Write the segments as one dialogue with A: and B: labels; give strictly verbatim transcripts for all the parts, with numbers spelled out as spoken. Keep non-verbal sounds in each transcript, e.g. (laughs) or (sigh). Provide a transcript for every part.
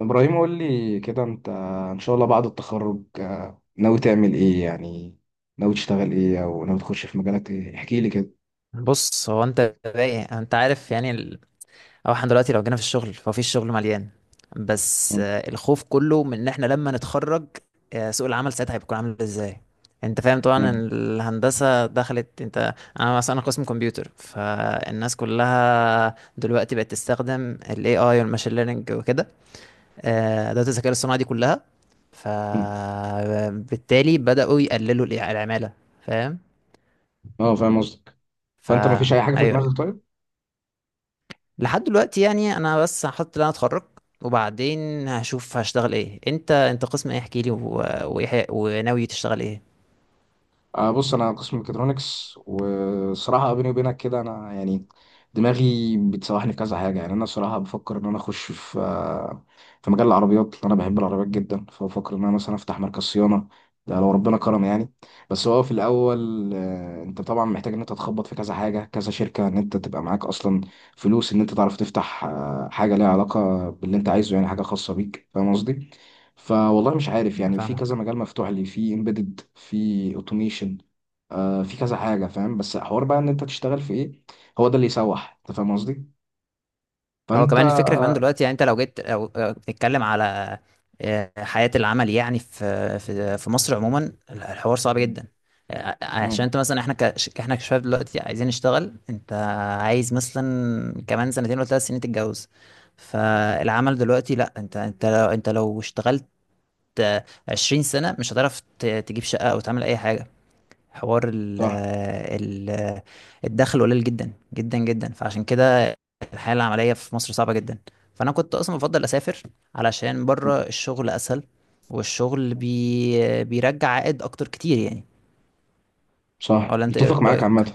A: ابراهيم، قول لي كده. انت ان شاء الله بعد التخرج آه، ناوي تعمل ايه؟ يعني ناوي تشتغل ايه، او ناوي تخش في مجالات ايه؟ احكي لي كده.
B: بص هو انت رايق، انت عارف يعني ال... او احنا دلوقتي لو جينا في الشغل فهو في الشغل مليان بس
A: مم.
B: آه، الخوف كله من ان احنا لما نتخرج آه، سوق العمل ساعتها هيكون عامل ازاي. انت فاهم طبعا إن
A: مم.
B: الهندسة دخلت، انت انا مثلا قسم كمبيوتر فالناس كلها دلوقتي بقت تستخدم ال إيه آي والماشين ليرنينج وكده، آه، ادوات الذكاء الاصطناعي دي كلها.
A: مم.
B: فبالتالي بدأوا يقللوا الع- العمالة، فاهم؟
A: اه، فاهم قصدك.
B: فا
A: فانت ما فيش اي حاجه في
B: ايوه ايوه،
A: دماغك طيب؟
B: لحد دلوقتي يعني انا بس هحط اللي انا اتخرج وبعدين هشوف هشتغل ايه. انت انت قسم ايه؟ احكي لي و... وايه وناوي تشتغل ايه.
A: آه بص، انا قسم ميكاترونكس. وصراحه بيني وبينك كده، انا يعني دماغي بتسوحني في كذا حاجه. يعني انا صراحه بفكر ان انا اخش في آه، في مجال العربيات، لأن انا بحب العربيات جدا، فبفكر ان انا مثلا افتح مركز صيانه، ده لو ربنا كرم يعني. بس هو في الاول آه، انت طبعا محتاج ان انت تخبط في كذا حاجه، كذا شركه، ان انت تبقى معاك اصلا فلوس، ان انت تعرف تفتح آه، حاجه ليها علاقه باللي انت عايزه، يعني حاجه خاصه بيك، فاهم قصدي؟ فوالله مش عارف.
B: انا
A: يعني في كذا
B: فاهمك.
A: مجال مفتوح لي، في امبيدد، في اوتوميشن، آه في كذا حاجه، فاهم؟ بس حوار بقى ان انت تشتغل في ايه، هو ده اللي يسوح، انت فاهم قصدي.
B: هو
A: فانت.
B: كمان الفكره كمان دلوقتي يعني انت لو جيت، لو لو بتتكلم على آه، حياه العمل يعني، في في في مصر عموما الحوار صعب جدا. آه، آه، عشان
A: مم.
B: انت مثلا احنا ك... احنا كشباب دلوقتي عايزين نشتغل. انت عايز مثلا كمان سنتين ولا ثلاث سنين تتجوز، فالعمل دلوقتي لا، انت انت لو انت لو اشتغلت عشرين سنة مش هتعرف ت- تجيب شقة أو تعمل أي حاجة. حوار ال ال الدخل قليل جدا جدا جدا، فعشان كده الحياة العملية في مصر صعبة جدا. فأنا كنت أصلا بفضل أسافر، علشان بره الشغل أسهل، والشغل
A: صح.
B: بي بيرجع عائد أكتر كتير يعني.
A: صح،
B: ولا أنت
A: متفق
B: إيه
A: معاك
B: رأيك؟
A: عامة.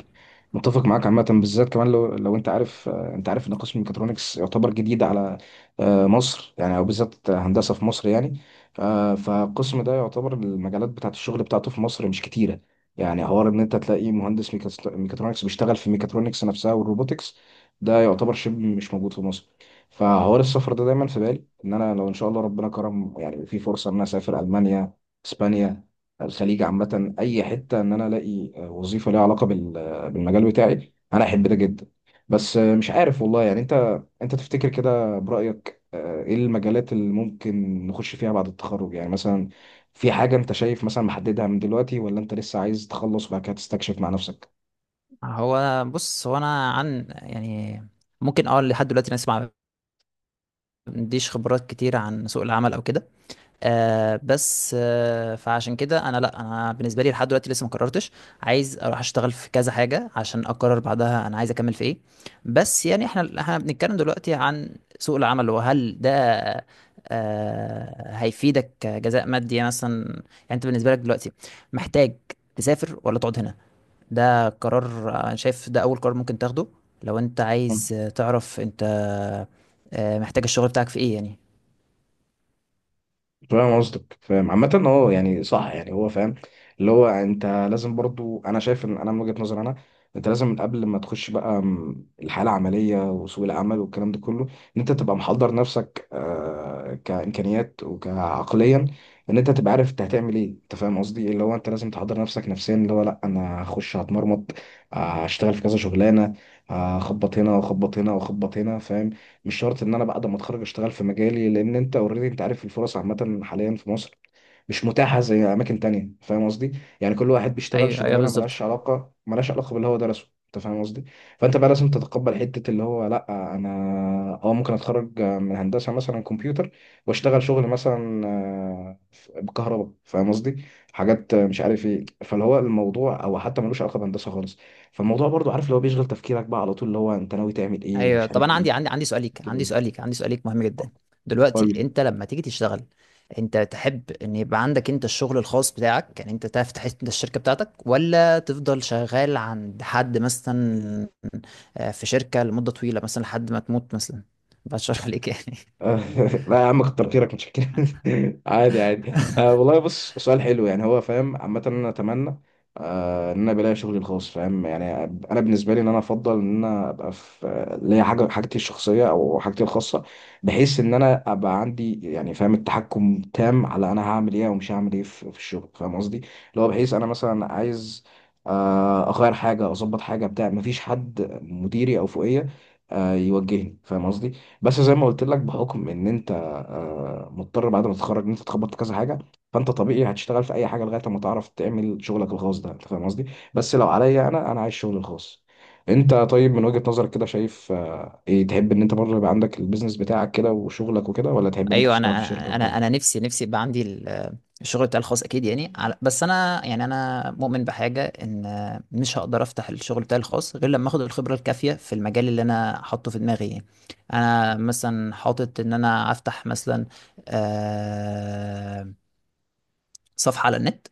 A: متفق معاك عامة بالذات كمان، لو لو انت عارف، آه، انت عارف ان قسم الميكاترونكس يعتبر جديد على آه، مصر يعني، او بالذات هندسة في مصر يعني. آه، فالقسم ده يعتبر المجالات بتاعة الشغل بتاعته في مصر مش كتيرة. يعني حوار ان انت تلاقي مهندس ميكاس- ميكاترونكس بيشتغل في ميكاترونكس نفسها والروبوتكس، ده يعتبر شبه مش موجود في مصر. فحوار السفر ده دايما في بالي، ان انا لو ان شاء الله ربنا كرم يعني في فرصة ان انا اسافر المانيا، اسبانيا، الخليج، عامة أي حتة، إن أنا ألاقي وظيفة ليها علاقة بال- بالمجال بتاعي، أنا أحب ده جدا. بس مش عارف والله. يعني أنت أنت تفتكر كده برأيك، آه، إيه المجالات اللي ممكن نخش فيها بعد التخرج؟ يعني مثلا في حاجة أنت شايف مثلا محددها من دلوقتي، ولا أنت لسه عايز تخلص وبعد كده تستكشف مع نفسك؟
B: هو بص، هو أنا عن يعني ممكن أه لحد دلوقتي أنا أسمع ما عنديش خبرات كتير عن سوق العمل أو كده. آه بس آه فعشان كده انا، لا انا بالنسبه لي لحد دلوقتي لسه ما قررتش. عايز اروح اشتغل في كذا حاجه عشان اقرر بعدها انا عايز اكمل في ايه. بس يعني احنا احنا بنتكلم دلوقتي عن سوق العمل، وهل ده آه هيفيدك كجزاء مادي يعني، مثلا يعني انت بالنسبه لك دلوقتي محتاج تسافر ولا تقعد هنا؟ ده قرار، آه، انا شايف ده اول قرار ممكن تاخده لو انت عايز تعرف انت آه محتاج الشغل بتاعك في ايه يعني.
A: فاهم قصدك. فاهم عامة. اه، يعني صح، يعني هو فاهم. اللي هو انت لازم برضو، انا شايف ان انا من وجهة نظري انا، انت لازم من قبل ما تخش بقى م- الحالة العملية وسوق العمل والكلام ده كله، ان انت تبقى محضر نفسك آه كإمكانيات وكعقليا، ان انت تبقى عارف انت هتعمل ايه. انت فاهم قصدي، اللي هو انت لازم تحضر نفسك نفسيا، اللي هو لا، انا هخش هتمرمط، آه، هشتغل في كذا شغلانة، آه، هخبط هنا، واخبط هنا، واخبط هنا، فاهم؟ مش شرط ان انا بعد ما اتخرج اشتغل في مجالي، لان انت اوريدي انت عارف الفرص عامه حاليا في مصر مش متاحه زي اماكن تانية، فاهم قصدي. يعني كل واحد بيشتغل
B: ايوه ايوه
A: شغلانه
B: بالظبط.
A: ملهاش علاقه ملهاش علاقه باللي هو درسه، انت فاهم قصدي. فانت بقى لازم تتقبل حته اللي هو لا، انا اه ممكن اتخرج من هندسه مثلا كمبيوتر واشتغل شغل مثلا آه، بكهرباء، فاهم قصدي؟ حاجات مش عارف ايه، فاللي هو الموضوع او حتى ملوش علاقه بهندسه خالص. فالموضوع برضو عارف اللي هو بيشغل تفكيرك بقى على طول، اللي هو انت ناوي تعمل ايه
B: ايوه
A: ومش
B: طب
A: عارف
B: انا
A: ايه.
B: عندي عندي عندي سؤال ليك، عندي
A: كده
B: سؤال ليك عندي سؤال ليك مهم جدا. دلوقتي
A: قول.
B: انت لما تيجي تشتغل، انت تحب ان يبقى عندك انت الشغل الخاص بتاعك يعني، انت تفتح انت الشركه بتاعتك، ولا تفضل شغال عند حد مثلا آه، في شركه لمده طويله مثلا لحد ما تموت مثلا؟ بشرح عليك يعني.
A: (laughs) لا يا عم كتر خيرك، مش كده. (laughs) عادي، عادي. آه
B: (laughs)
A: والله بص، سؤال حلو يعني، هو فاهم عامة. انا اتمنى آه ان انا بلاقي شغلي الخاص، فاهم يعني. انا بالنسبه لي، ان انا افضل ان انا ابقى في آه، ليا حاجه، حاجتي الشخصيه او حاجتي الخاصه، بحيث ان انا ابقى عندي يعني، فاهم، التحكم تام على انا هعمل ايه ومش هعمل ايه في في الشغل، فاهم قصدي؟ اللي هو بحيث انا مثلا عايز آه، اغير حاجه، اظبط حاجه، بتاع، مفيش حد مديري او فوقيه آه، يوجهني، فاهم قصدي؟ بس زي ما قلت لك، بحكم ان انت آه، مضطر بعد ما تتخرج ان انت تخبط في كذا حاجه، فانت طبيعي هتشتغل في اي حاجه لغايه ما تعرف تعمل شغلك الخاص ده، انت فاهم قصدي. بس لو عليا، انا انا عايز شغلي الخاص. انت طيب، من وجهه نظرك كده شايف آه، ايه؟ تحب ان انت برضه يبقى عندك البيزنس بتاعك كده وشغلك وكده، ولا تحب ان انت
B: ايوه انا،
A: تشتغل في شركه
B: انا
A: والكلام
B: انا
A: ده؟
B: أنا نفسي نفسي يبقى عندي ال- الشغل بتاعي الخاص اكيد يعني على- بس انا يعني انا مؤمن بحاجه ان مش هقدر افتح الشغل بتاعي الخاص غير لما اخد الخبره الكافيه في المجال اللي انا حاطه في دماغي يعني. انا مثلا حاطط ان انا افتح مثلا آه، صفحة على النت.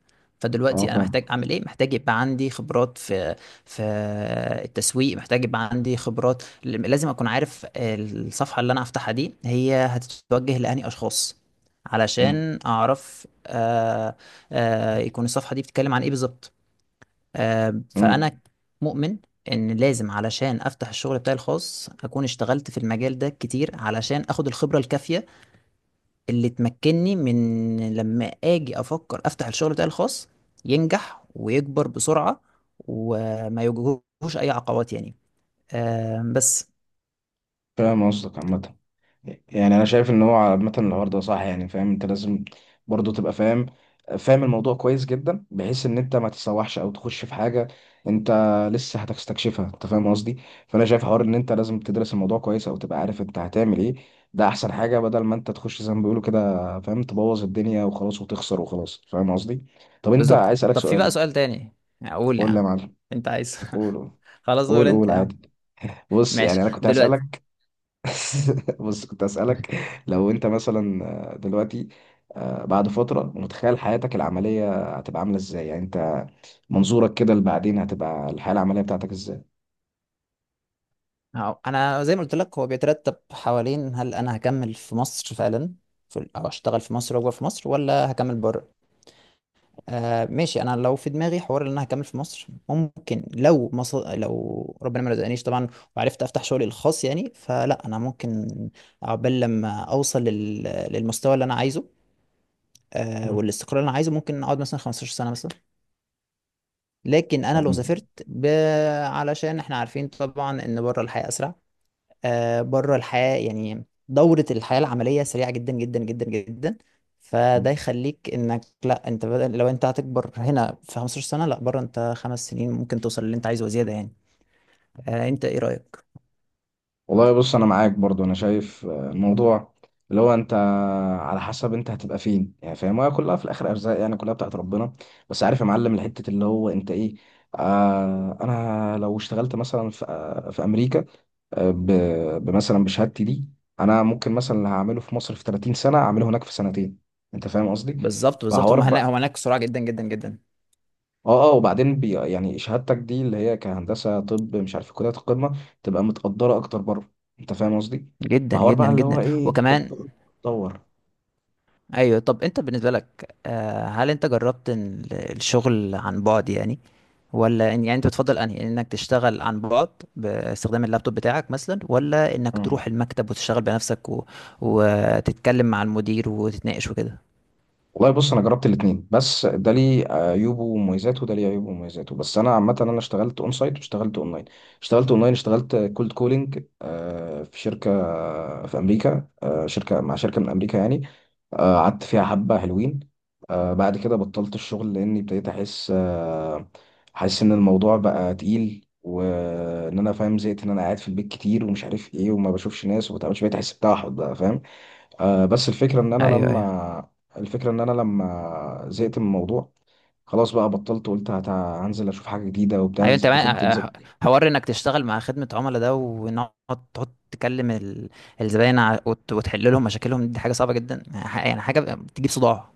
A: اه،
B: فدلوقتي انا محتاج
A: فاهم.
B: اعمل ايه؟ محتاج يبقى عندي خبرات في في التسويق، محتاج يبقى عندي خبرات، لازم اكون عارف الصفحة اللي انا هفتحها دي هي هتتوجه لأنهي اشخاص،
A: مم.
B: علشان اعرف آه آه يكون الصفحة دي بتتكلم عن ايه بالظبط. آه
A: مم.
B: فانا مؤمن ان لازم علشان افتح الشغل بتاعي الخاص اكون اشتغلت في المجال ده كتير، علشان اخد الخبرة الكافية اللي تمكنني من لما اجي افكر افتح الشغل بتاعي الخاص ينجح ويكبر بسرعة وما يواجهوش اي عقبات يعني. آه بس
A: فاهم قصدك عامه. يعني انا شايف ان هو عامه الحوار ده صح يعني. فاهم، انت لازم برضه تبقى فاهم، فاهم الموضوع كويس جدا، بحيث ان انت ما تتسوحش او تخش في حاجه انت لسه هتستكشفها، انت فاهم قصدي. فانا شايف حوار ان انت لازم تدرس الموضوع كويس او تبقى عارف انت هتعمل ايه. ده احسن حاجه، بدل ما انت تخش زي ما بيقولوا كده، فاهم، تبوظ الدنيا وخلاص وتخسر وخلاص، فاهم قصدي؟ طب انت،
B: بالظبط.
A: عايز اسالك
B: طب في بقى
A: سؤال.
B: سؤال تاني اقول يا
A: قول لي يا
B: عم؟
A: معلم.
B: انت عايز
A: قول، قول.
B: (laughs) خلاص قول
A: قول،
B: انت
A: قول
B: يا عم.
A: عادي. بص،
B: ماشي
A: يعني انا كنت
B: دلوقتي.
A: هسالك. (laughs) بص، كنت أسألك، لو أنت مثلا آه، دلوقتي، آه، بعد فترة، متخيل حياتك العملية هتبقى عاملة إزاي؟ يعني أنت منظورك كده لبعدين، هتبقى الحياة العملية بتاعتك إزاي؟
B: أهو، انا زي ما قلت لك هو بيترتب حوالين هل انا هكمل في مصر فعلا في- ال- او اشتغل في مصر واكبر في مصر، ولا هكمل بره. آه ماشي، انا لو في دماغي حوار ان انا هكمل في مصر، ممكن لو مصر لو ربنا ما رزقنيش طبعا وعرفت افتح شغلي الخاص يعني، فلا انا ممكن عقبال لما اوصل لل... للمستوى اللي انا عايزه آه
A: مم.
B: والاستقرار اللي انا عايزه، ممكن اقعد مثلا خمسة عشر سنه مثلا. لكن انا لو
A: تمام.
B: سافرت ب... علشان احنا عارفين طبعا ان بره الحياه اسرع، آه، بره الحياة يعني دورة الحياة العملية سريعة جدا جدا جدا جدا. فده يخليك انك لا، انت بدل لو انت هتكبر هنا في خمسة عشر سنة، لا بره انت خمس سنين ممكن توصل للي انت عايزه وزيادة يعني. آه، انت ايه رأيك؟
A: والله بص، أنا معاك برضو. أنا شايف آه، الموضوع اللي هو أنت، على حسب أنت هتبقى فين يعني، فاهم؟ هي كلها في الآخر أرزاق يعني، كلها بتاعت ربنا. بس عارف يا معلم الحتة اللي هو أنت إيه؟ آه أنا لو اشتغلت مثلا في, آه، في أمريكا، آه، ب- بمثلا بشهادتي دي، انا ممكن مثلا اللي هعمله في مصر في تلاتين سنه اعمله هناك في سنتين، انت فاهم قصدي؟
B: بالظبط بالظبط،
A: فحوار
B: هم هناك
A: بقى.
B: هم هناك سرعة جدا جدا جدا
A: اه، اه. وبعدين بي يعني شهادتك دي اللي هي كهندسه، طب مش عارف كليات القمه تبقى متقدره اكتر بره، انت فاهم قصدي؟
B: جدا
A: فحوار
B: جدا
A: بقى اللي هو
B: جدا،
A: ايه، انت
B: وكمان
A: بتدور.
B: ايوه. طب انت بالنسبه لك آه، هل انت جربت إن ال- الشغل عن بعد يعني، ولا إن يعني انت بتفضل انهي انك تشتغل عن بعد باستخدام اللابتوب بتاعك مثلا، ولا انك تروح المكتب وتشتغل بنفسك و... وتتكلم مع المدير وتتناقش وكده؟
A: والله بص، انا جربت الاثنين، بس ده ليه عيوبه ومميزاته، وده ليه عيوبه ومميزاته. بس انا عامه انا اشتغلت اون سايت، واشتغلت اونلاين. اشتغلت اونلاين اشتغلت كولد كولينج في شركه، في امريكا. آه، شركه، مع شركه من امريكا يعني. آه، قعدت فيها حبه حلوين. آه، بعد كده بطلت الشغل، لاني ابتديت احس آه، احس ان الموضوع بقى تقيل، وان انا فاهم، زهقت، ان انا قاعد في البيت كتير، ومش عارف ايه، وما بشوفش ناس، وما بتعملش، بقيت احس بتوحد بقى، فاهم. آه، بس الفكرة ان انا
B: ايوه ايوه
A: لما الفكرة ان انا لما زهقت من الموضوع، خلاص بقى بطلت، قلت هت- هنزل اشوف حاجة جديدة وبتاع،
B: ايوه.
A: نز-
B: انت
A: دخلت،
B: بقى-
A: نزلت.
B: ح- حوار انك تشتغل مع خدمه عملاء ده، وان هو تقعد تكلم ال- الزباين ع- وت- وتحل لهم مشاكلهم، دي حاجه صعبه جدا يعني، ح- يعني حاجه بتجيب صداع.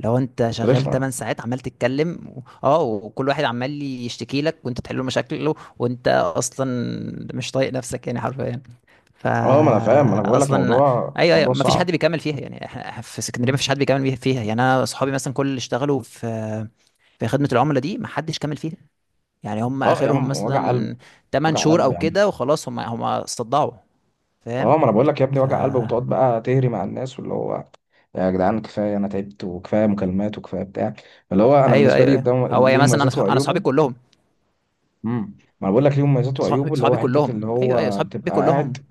B: لو انت شغال تمانية
A: رخمة.
B: ساعات عمال تتكلم و- اه وكل واحد عمال يشتكي لك وانت بتحل له مشاكله، وانت اصلا مش طايق نفسك يعني حرفيا.
A: اه، ما انا فاهم، ما انا
B: فا
A: بقول لك،
B: اصلا
A: موضوع،
B: ايوه ايوه،
A: موضوع
B: ما فيش حد
A: صعب.
B: بيكمل فيها يعني، احنا إحنا في اسكندريه ما
A: مم.
B: فيش حد بيكمل بيه- فيها يعني، انا اصحابي مثلا كل اللي اشتغلوا في في خدمه العملاء دي ما حدش كمل فيها. يعني هم
A: اه يا
B: اخرهم
A: عم، وجع
B: مثلا
A: قلب.
B: تمن
A: وجع
B: شهور
A: قلب
B: او
A: يا عم.
B: كده وخلاص، هم هم استضاعوا فاهم؟
A: اه، ما انا بقول لك يا ابني،
B: ف
A: وجع قلب، وتقعد بقى تهري مع الناس، واللي هو يا جدعان كفاية، انا تعبت، وكفاية مكالمات، وكفاية بتاع. اللي هو انا
B: ايوه
A: بالنسبة
B: ايوه
A: لي
B: ايوه.
A: ده
B: هو يا
A: ليه
B: مثلا انا
A: مميزاته
B: صح... انا
A: وعيوبه.
B: صحابي كلهم
A: امم ما انا بقول لك ليه مميزاته
B: صحابي
A: وعيوبه، اللي هو
B: صحابي
A: حتة
B: كلهم،
A: اللي
B: ايوه ايوه،
A: هو
B: صحابي
A: بتبقى
B: كلهم
A: قاعد.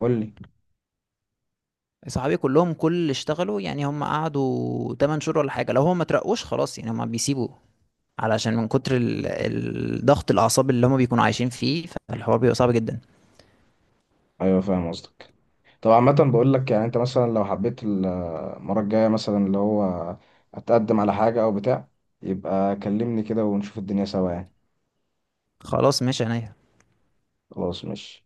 A: قول لي.
B: صحابي كلهم كل اللي اشتغلوا يعني، هم قعدوا تمن شهور ولا حاجه، لو هم ما ترقوش خلاص يعني هم بيسيبوا، علشان من كتر ال... الضغط، الاعصاب اللي هم بيكونوا عايشين فيه، فالحوار بيبقى صعب جدا.
A: ايوه، فاهم قصدك. طب عامة بقول لك، يعني انت مثلا لو حبيت المرة الجاية مثلا اللي هو اتقدم على حاجة او بتاع، يبقى كلمني كده ونشوف الدنيا سوا يعني.
B: خلاص ماشي عينيا.
A: خلاص ماشي.